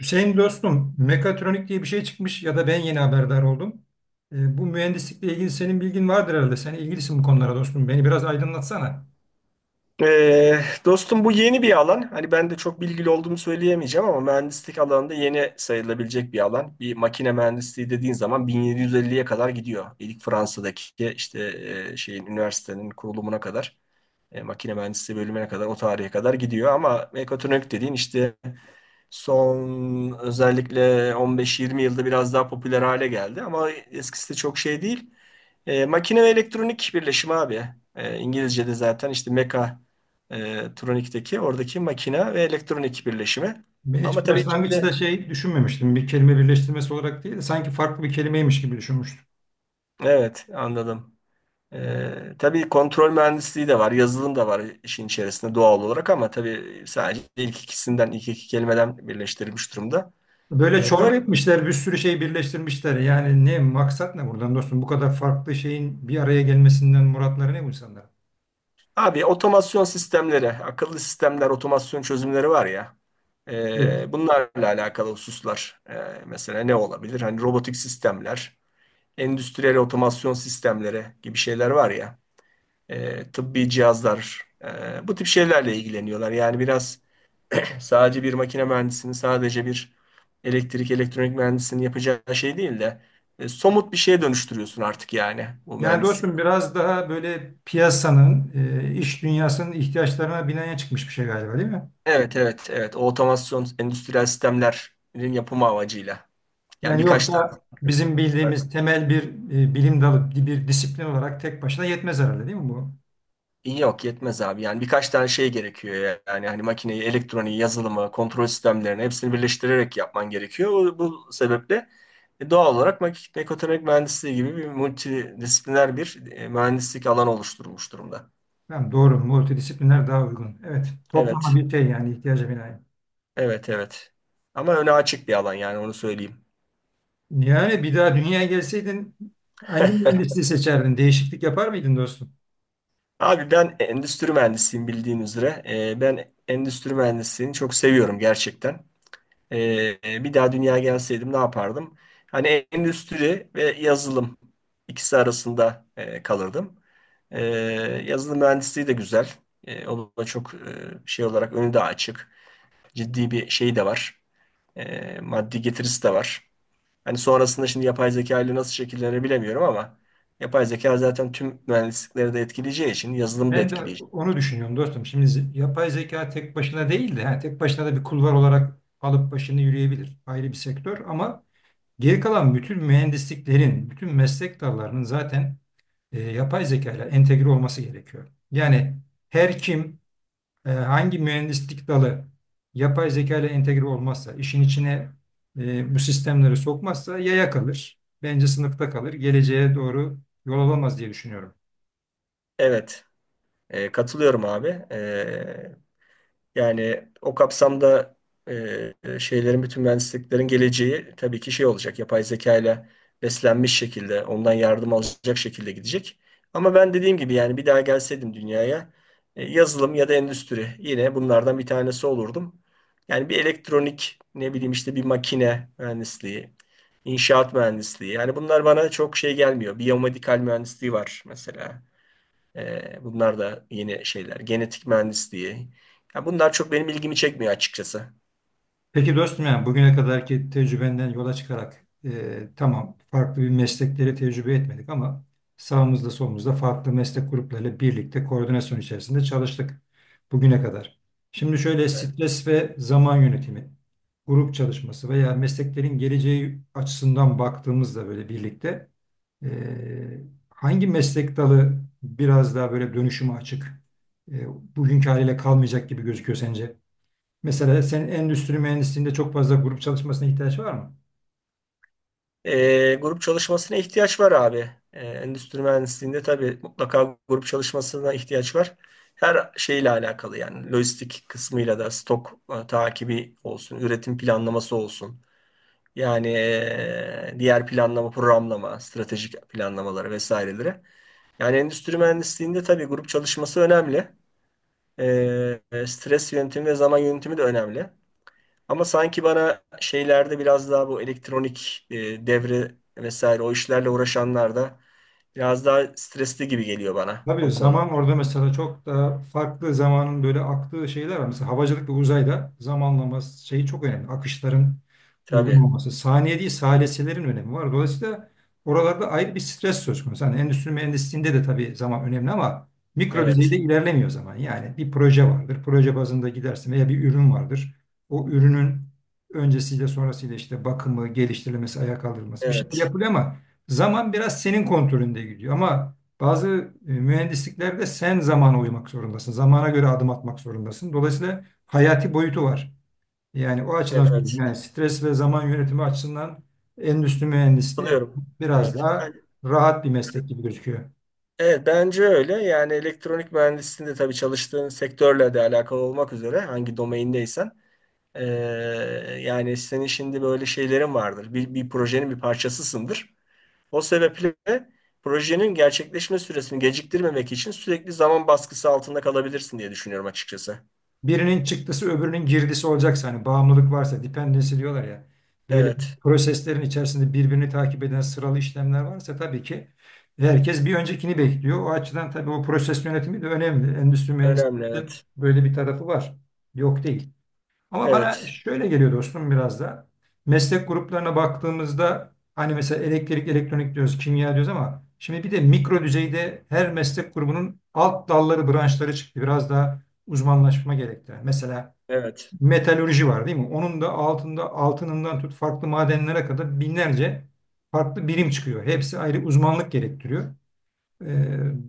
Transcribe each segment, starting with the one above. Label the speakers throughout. Speaker 1: Hüseyin dostum, mekatronik diye bir şey çıkmış ya da ben yeni haberdar oldum. Bu mühendislikle ilgili senin bilgin vardır herhalde. Sen ilgilisin bu konulara dostum. Beni biraz aydınlatsana.
Speaker 2: Ee, Dostum, bu yeni bir alan. Hani ben de çok bilgili olduğumu söyleyemeyeceğim ama mühendislik alanında yeni sayılabilecek bir alan. Bir makine mühendisliği dediğin zaman 1750'ye kadar gidiyor. İlk Fransa'daki işte şeyin üniversitenin kurulumuna kadar, makine mühendisliği bölümüne kadar o tarihe kadar gidiyor. Ama mekatronik dediğin işte son özellikle 15-20 yılda biraz daha popüler hale geldi. Ama eskisi de çok şey değil. Makine ve elektronik birleşimi abi. İngilizce'de zaten işte tronikteki oradaki makine ve elektronik birleşimi.
Speaker 1: Ben
Speaker 2: Ama
Speaker 1: hiç
Speaker 2: tabii içinde.
Speaker 1: başlangıçta şey düşünmemiştim. Bir kelime birleştirmesi olarak değil de sanki farklı bir kelimeymiş gibi düşünmüştüm.
Speaker 2: Evet, anladım. Tabii kontrol mühendisliği de var, yazılım da var işin içerisinde doğal olarak ama tabii sadece ilk ikisinden, ilk iki kelimeden birleştirilmiş durumda.
Speaker 1: Böyle
Speaker 2: Böyle
Speaker 1: çorba etmişler, bir sürü şey birleştirmişler. Yani ne maksat ne buradan dostum? Bu kadar farklı şeyin bir araya gelmesinden muratları ne bu insanların?
Speaker 2: abi, otomasyon sistemleri, akıllı sistemler, otomasyon çözümleri var ya.
Speaker 1: Evet.
Speaker 2: Bunlarla alakalı hususlar, mesela ne olabilir? Hani robotik sistemler, endüstriyel otomasyon sistemleri gibi şeyler var ya, tıbbi cihazlar, bu tip şeylerle ilgileniyorlar. Yani biraz sadece bir makine mühendisinin, sadece bir elektrik, elektronik mühendisinin yapacağı şey değil de somut bir şeye dönüştürüyorsun artık, yani bu
Speaker 1: Yani
Speaker 2: mühendislik.
Speaker 1: dostum biraz daha böyle piyasanın, iş dünyasının ihtiyaçlarına binaen çıkmış bir şey galiba değil mi?
Speaker 2: Evet, evet, evet. O otomasyon endüstriyel sistemlerin yapımı amacıyla. Yani
Speaker 1: Yani
Speaker 2: birkaç tane.
Speaker 1: yoksa bizim bildiğimiz temel bir bilim dalı, bir disiplin olarak tek başına yetmez herhalde değil mi bu?
Speaker 2: Yok, yetmez abi. Yani birkaç tane şey gerekiyor ya. Yani hani makineyi, elektroniği, yazılımı, kontrol sistemlerini hepsini birleştirerek yapman gerekiyor. Bu sebeple doğal olarak mekatronik mühendisliği gibi bir multidisipliner bir mühendislik alanı oluşturulmuş durumda.
Speaker 1: Tamam, doğru, multidisipliner daha uygun. Evet, toplama
Speaker 2: Evet.
Speaker 1: bir şey yani ihtiyaca binaen.
Speaker 2: Evet, evet. Ama öne açık bir alan, yani onu söyleyeyim.
Speaker 1: Yani bir daha dünyaya gelseydin hangi mühendisliği seçerdin? Değişiklik yapar mıydın dostum?
Speaker 2: Abi, ben endüstri mühendisiyim bildiğin üzere. Ben endüstri mühendisliğini çok seviyorum gerçekten. Bir daha dünya gelseydim ne yapardım? Hani endüstri ve yazılım ikisi arasında kalırdım. Ee, Yazılım mühendisliği de güzel. O da çok şey olarak önü de açık. Ciddi bir şey de var. Maddi getirisi de var. Hani sonrasında şimdi yapay zeka ile nasıl şekillenir bilemiyorum ama yapay zeka zaten tüm mühendislikleri de etkileyeceği için yazılımı da
Speaker 1: Ben de
Speaker 2: etkileyecek.
Speaker 1: onu düşünüyorum dostum. Şimdi yapay zeka tek başına değil de ha, tek başına da bir kulvar olarak alıp başını yürüyebilir. Ayrı bir sektör ama geri kalan bütün mühendisliklerin, bütün meslek dallarının zaten yapay zeka ile entegre olması gerekiyor. Yani her kim hangi mühendislik dalı yapay zeka ile entegre olmazsa, işin içine bu sistemleri sokmazsa yaya kalır. Bence sınıfta kalır. Geleceğe doğru yol alamaz diye düşünüyorum.
Speaker 2: Evet, katılıyorum abi. Yani o kapsamda e, şeylerin, bütün mühendisliklerin geleceği tabii ki şey olacak. Yapay zeka ile beslenmiş şekilde, ondan yardım alacak şekilde gidecek. Ama ben dediğim gibi, yani bir daha gelseydim dünyaya, yazılım ya da endüstri, yine bunlardan bir tanesi olurdum. Yani bir elektronik, ne bileyim işte bir makine mühendisliği, inşaat mühendisliği. Yani bunlar bana çok şey gelmiyor. Biyomedikal mühendisliği var mesela. Bunlar da yeni şeyler. Genetik mühendisliği. Ya bunlar çok benim ilgimi çekmiyor açıkçası.
Speaker 1: Peki dostum yani bugüne kadarki tecrübenden yola çıkarak tamam farklı bir meslekleri tecrübe etmedik ama sağımızda solumuzda farklı meslek gruplarıyla birlikte koordinasyon içerisinde çalıştık bugüne kadar. Şimdi şöyle
Speaker 2: Evet.
Speaker 1: stres ve zaman yönetimi, grup çalışması veya mesleklerin geleceği açısından baktığımızda böyle birlikte e, hangi meslek dalı biraz daha böyle dönüşüme açık, e, bugünkü haliyle kalmayacak gibi gözüküyor sence? Mesela sen endüstri mühendisliğinde çok fazla grup çalışmasına ihtiyaç var mı?
Speaker 2: Grup çalışmasına ihtiyaç var abi. Endüstri mühendisliğinde tabii mutlaka grup çalışmasına ihtiyaç var. Her şeyle alakalı, yani lojistik kısmıyla da, stok takibi olsun, üretim planlaması olsun. Yani diğer planlama, programlama, stratejik planlamaları vesaireleri. Yani endüstri mühendisliğinde tabii grup çalışması önemli. Ee, Stres yönetimi ve zaman yönetimi de önemli. Ama sanki bana şeylerde biraz daha bu elektronik, devre vesaire o işlerle uğraşanlar da biraz daha stresli gibi geliyor bana
Speaker 1: Tabii
Speaker 2: o konu.
Speaker 1: zaman orada mesela çok daha farklı zamanın böyle aktığı şeyler var. Mesela havacılık ve uzayda zamanlama şeyi çok önemli. Akışların uygun
Speaker 2: Tabii.
Speaker 1: olması. Saniye değil salisilerin önemi var. Dolayısıyla oralarda ayrı bir stres söz konusu. Hani endüstri mühendisliğinde de tabii zaman önemli ama mikro düzeyde
Speaker 2: Evet.
Speaker 1: ilerlemiyor zaman. Yani bir proje vardır. Proje bazında gidersin veya bir ürün vardır. O ürünün öncesiyle sonrasıyla işte bakımı, geliştirilmesi, ayağa kaldırılması bir şeyler
Speaker 2: Evet.
Speaker 1: yapılıyor ama zaman biraz senin kontrolünde gidiyor. Ama bazı mühendisliklerde sen zamana uymak zorundasın. Zamana göre adım atmak zorundasın. Dolayısıyla hayati boyutu var. Yani o açıdan söylüyorum.
Speaker 2: Evet.
Speaker 1: Yani stres ve zaman yönetimi açısından endüstri mühendisliği
Speaker 2: Katılıyorum.
Speaker 1: biraz
Speaker 2: Evet.
Speaker 1: daha rahat bir meslek gibi gözüküyor.
Speaker 2: Evet, bence öyle. Yani elektronik mühendisliğinde tabii çalıştığın sektörle de alakalı olmak üzere, hangi domaindeysen ee, yani senin şimdi böyle şeylerin vardır. Bir projenin bir parçasısındır. O sebeple projenin gerçekleşme süresini geciktirmemek için sürekli zaman baskısı altında kalabilirsin diye düşünüyorum açıkçası.
Speaker 1: Birinin çıktısı öbürünün girdisi olacaksa hani bağımlılık varsa dependency diyorlar ya. Böyle
Speaker 2: Evet,
Speaker 1: proseslerin içerisinde birbirini takip eden sıralı işlemler varsa tabii ki herkes bir öncekini bekliyor. O açıdan tabii o proses yönetimi de önemli. Endüstri
Speaker 2: önemli,
Speaker 1: mühendisliğinde
Speaker 2: evet.
Speaker 1: böyle bir tarafı var. Yok değil. Ama bana
Speaker 2: Evet,
Speaker 1: şöyle geliyor dostum biraz da. Meslek gruplarına baktığımızda hani mesela elektrik, elektronik diyoruz, kimya diyoruz ama şimdi bir de mikro düzeyde her meslek grubunun alt dalları, branşları çıktı. Biraz daha uzmanlaşma gerektiren. Mesela
Speaker 2: evet.
Speaker 1: metalürji var değil mi? Onun da altında altınından tut farklı madenlere kadar binlerce farklı birim çıkıyor. Hepsi ayrı uzmanlık gerektiriyor. Ee,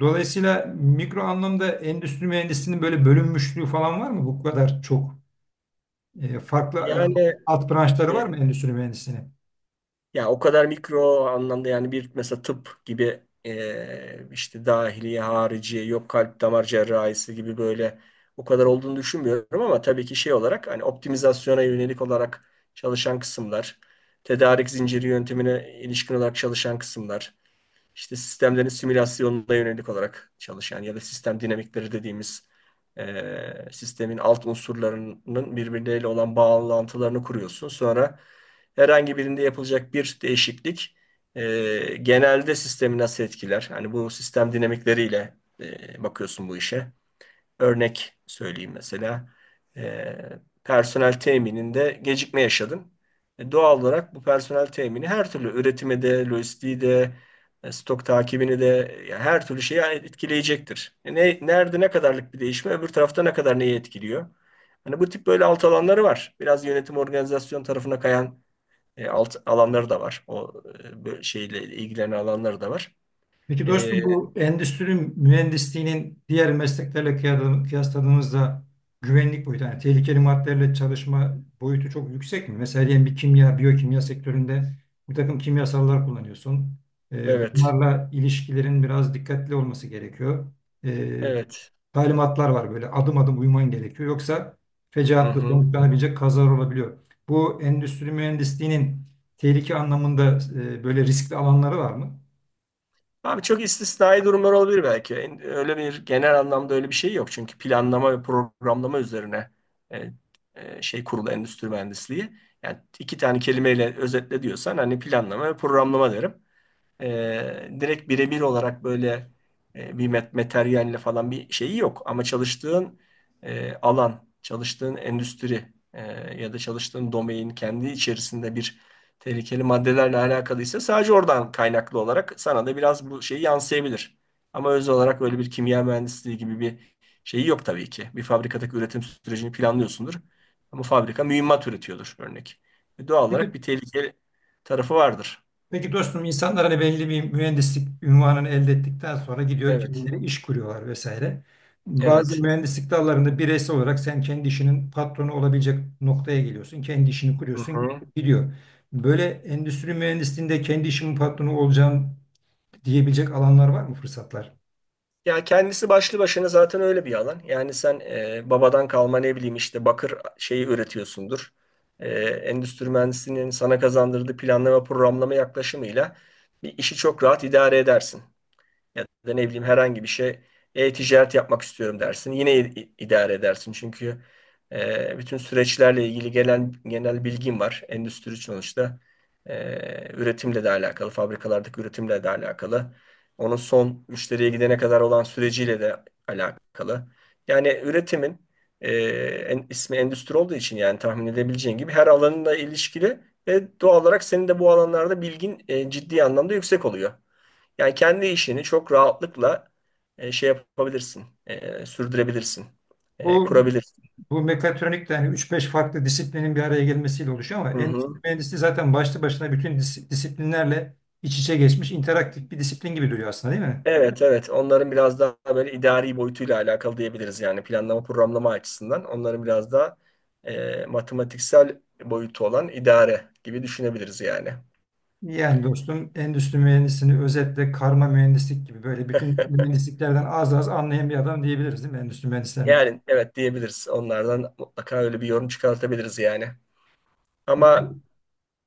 Speaker 1: Dolayısıyla mikro anlamda endüstri mühendisliğinin böyle bölünmüşlüğü falan var mı? Bu kadar çok farklı
Speaker 2: Yani
Speaker 1: alt branşları
Speaker 2: e,
Speaker 1: var mı endüstri mühendisliğinin?
Speaker 2: ya o kadar mikro anlamda, yani bir, mesela tıp gibi, işte dahiliye, hariciye, yok kalp damar cerrahisi gibi böyle o kadar olduğunu düşünmüyorum ama tabii ki şey olarak hani optimizasyona yönelik olarak çalışan kısımlar, tedarik zinciri yöntemine ilişkin olarak çalışan kısımlar, işte sistemlerin simülasyonuna yönelik olarak çalışan ya da sistem dinamikleri dediğimiz, sistemin alt unsurlarının birbirleriyle olan bağlantılarını kuruyorsun. Sonra herhangi birinde yapılacak bir değişiklik, genelde sistemi nasıl etkiler? Hani bu sistem dinamikleriyle bakıyorsun bu işe. Örnek söyleyeyim mesela. E, Personel temininde gecikme yaşadın. Doğal olarak bu personel temini her türlü üretime de, lojistiği de, stok takibini de, yani her türlü şeyi, yani etkileyecektir. Nerede ne kadarlık bir değişme, öbür tarafta ne kadar neyi etkiliyor? Hani bu tip böyle alt alanları var. Biraz yönetim organizasyon tarafına kayan alt alanları da var. O böyle şeyle ilgilenen alanları da var.
Speaker 1: Peki
Speaker 2: E,
Speaker 1: dostum bu endüstri mühendisliğinin diğer mesleklerle kıyasladığımızda güvenlik boyutu yani tehlikeli maddelerle çalışma boyutu çok yüksek mi? Mesela diyelim bir kimya, biyokimya sektöründe bir takım kimyasallar kullanıyorsun.
Speaker 2: evet,
Speaker 1: Bunlarla ilişkilerin biraz dikkatli olması gerekiyor. Ee,
Speaker 2: evet.
Speaker 1: Talimatlar var böyle adım adım uyman gerekiyor. Yoksa
Speaker 2: Hı
Speaker 1: fecaatla
Speaker 2: hı.
Speaker 1: sonuçlanabilecek kazalar olabiliyor. Bu endüstri mühendisliğinin tehlike anlamında böyle riskli alanları var mı?
Speaker 2: Abi, çok istisnai durumlar olabilir belki. Öyle bir genel anlamda öyle bir şey yok. Çünkü planlama ve programlama üzerine e, şey kurulu endüstri mühendisliği. Yani iki tane kelimeyle özetle diyorsan hani planlama ve programlama derim. Direkt birebir olarak böyle bir materyalle falan bir şeyi yok. Ama çalıştığın alan, çalıştığın endüstri, ya da çalıştığın domain kendi içerisinde bir tehlikeli maddelerle alakalıysa sadece oradan kaynaklı olarak sana da biraz bu şeyi yansıyabilir. Ama öz olarak öyle bir kimya mühendisliği gibi bir şeyi yok tabii ki. Bir fabrikadaki üretim sürecini planlıyorsundur. Ama fabrika mühimmat üretiyordur örnek. Doğal
Speaker 1: Peki?
Speaker 2: olarak bir tehlikeli tarafı vardır.
Speaker 1: Peki dostum insanlar hani belli bir mühendislik ünvanını elde ettikten sonra gidiyor
Speaker 2: Evet,
Speaker 1: kendileri iş kuruyorlar vesaire. Bazı
Speaker 2: evet.
Speaker 1: mühendislik dallarında bireysel olarak sen kendi işinin patronu olabilecek noktaya geliyorsun. Kendi işini
Speaker 2: Hı
Speaker 1: kuruyorsun
Speaker 2: hı.
Speaker 1: gidiyor. Böyle endüstri mühendisliğinde kendi işimin patronu olacağım diyebilecek alanlar var mı fırsatlar?
Speaker 2: Ya kendisi başlı başına zaten öyle bir alan. Yani sen babadan kalma ne bileyim işte bakır şeyi üretiyorsundur. Endüstri mühendisliğinin sana kazandırdığı planlama programlama yaklaşımıyla bir işi çok rahat idare edersin. Ya da ne bileyim, herhangi bir şey, e-ticaret yapmak istiyorum dersin. Yine idare edersin. Çünkü bütün süreçlerle ilgili gelen genel bilgim var. Endüstri sonuçta üretimle de alakalı, fabrikalardaki üretimle de alakalı. Onun son müşteriye gidene kadar olan süreciyle de alakalı. Yani üretimin e, ismi endüstri olduğu için, yani tahmin edebileceğin gibi, her alanla ilişkili ve doğal olarak senin de bu alanlarda bilgin ciddi anlamda yüksek oluyor. Yani kendi işini çok rahatlıkla şey yapabilirsin, sürdürebilirsin,
Speaker 1: Bu,
Speaker 2: kurabilirsin.
Speaker 1: bu mekatronik de hani 3-5 farklı disiplinin bir araya gelmesiyle oluşuyor ama
Speaker 2: Hı
Speaker 1: endüstri
Speaker 2: hı.
Speaker 1: mühendisliği zaten başlı başına bütün disiplinlerle iç içe geçmiş interaktif bir disiplin gibi duruyor aslında değil mi?
Speaker 2: Evet, evet. Onların biraz daha böyle idari boyutuyla alakalı diyebiliriz, yani planlama programlama açısından. Onların biraz daha matematiksel boyutu olan idare gibi düşünebiliriz yani.
Speaker 1: Yani dostum endüstri mühendisini özetle karma mühendislik gibi böyle bütün mühendisliklerden az az anlayan bir adam diyebiliriz değil mi endüstri mühendislerine?
Speaker 2: Yani evet, diyebiliriz. Onlardan mutlaka öyle bir yorum çıkartabiliriz yani. Ama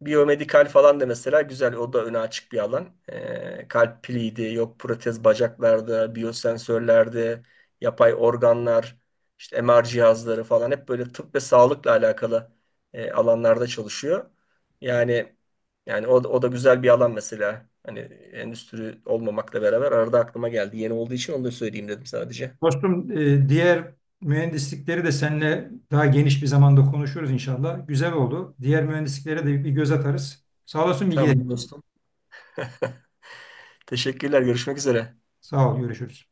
Speaker 2: biyomedikal falan da mesela güzel. O da öne açık bir alan. Kalp piliydi, yok protez bacaklarda, biyosensörlerde, yapay organlar, işte MR cihazları falan, hep böyle tıp ve sağlıkla alakalı alanlarda çalışıyor. Yani o da güzel bir alan mesela. Hani endüstri olmamakla beraber arada aklıma geldi. Yeni olduğu için onu da söyleyeyim dedim sadece.
Speaker 1: Dostum diğer mühendislikleri de seninle daha geniş bir zamanda konuşuruz inşallah. Güzel oldu. Diğer mühendisliklere de bir göz atarız. Sağ olasın bilgilerin
Speaker 2: Tamam
Speaker 1: için.
Speaker 2: dostum. Teşekkürler. Görüşmek üzere.
Speaker 1: Sağ ol, görüşürüz.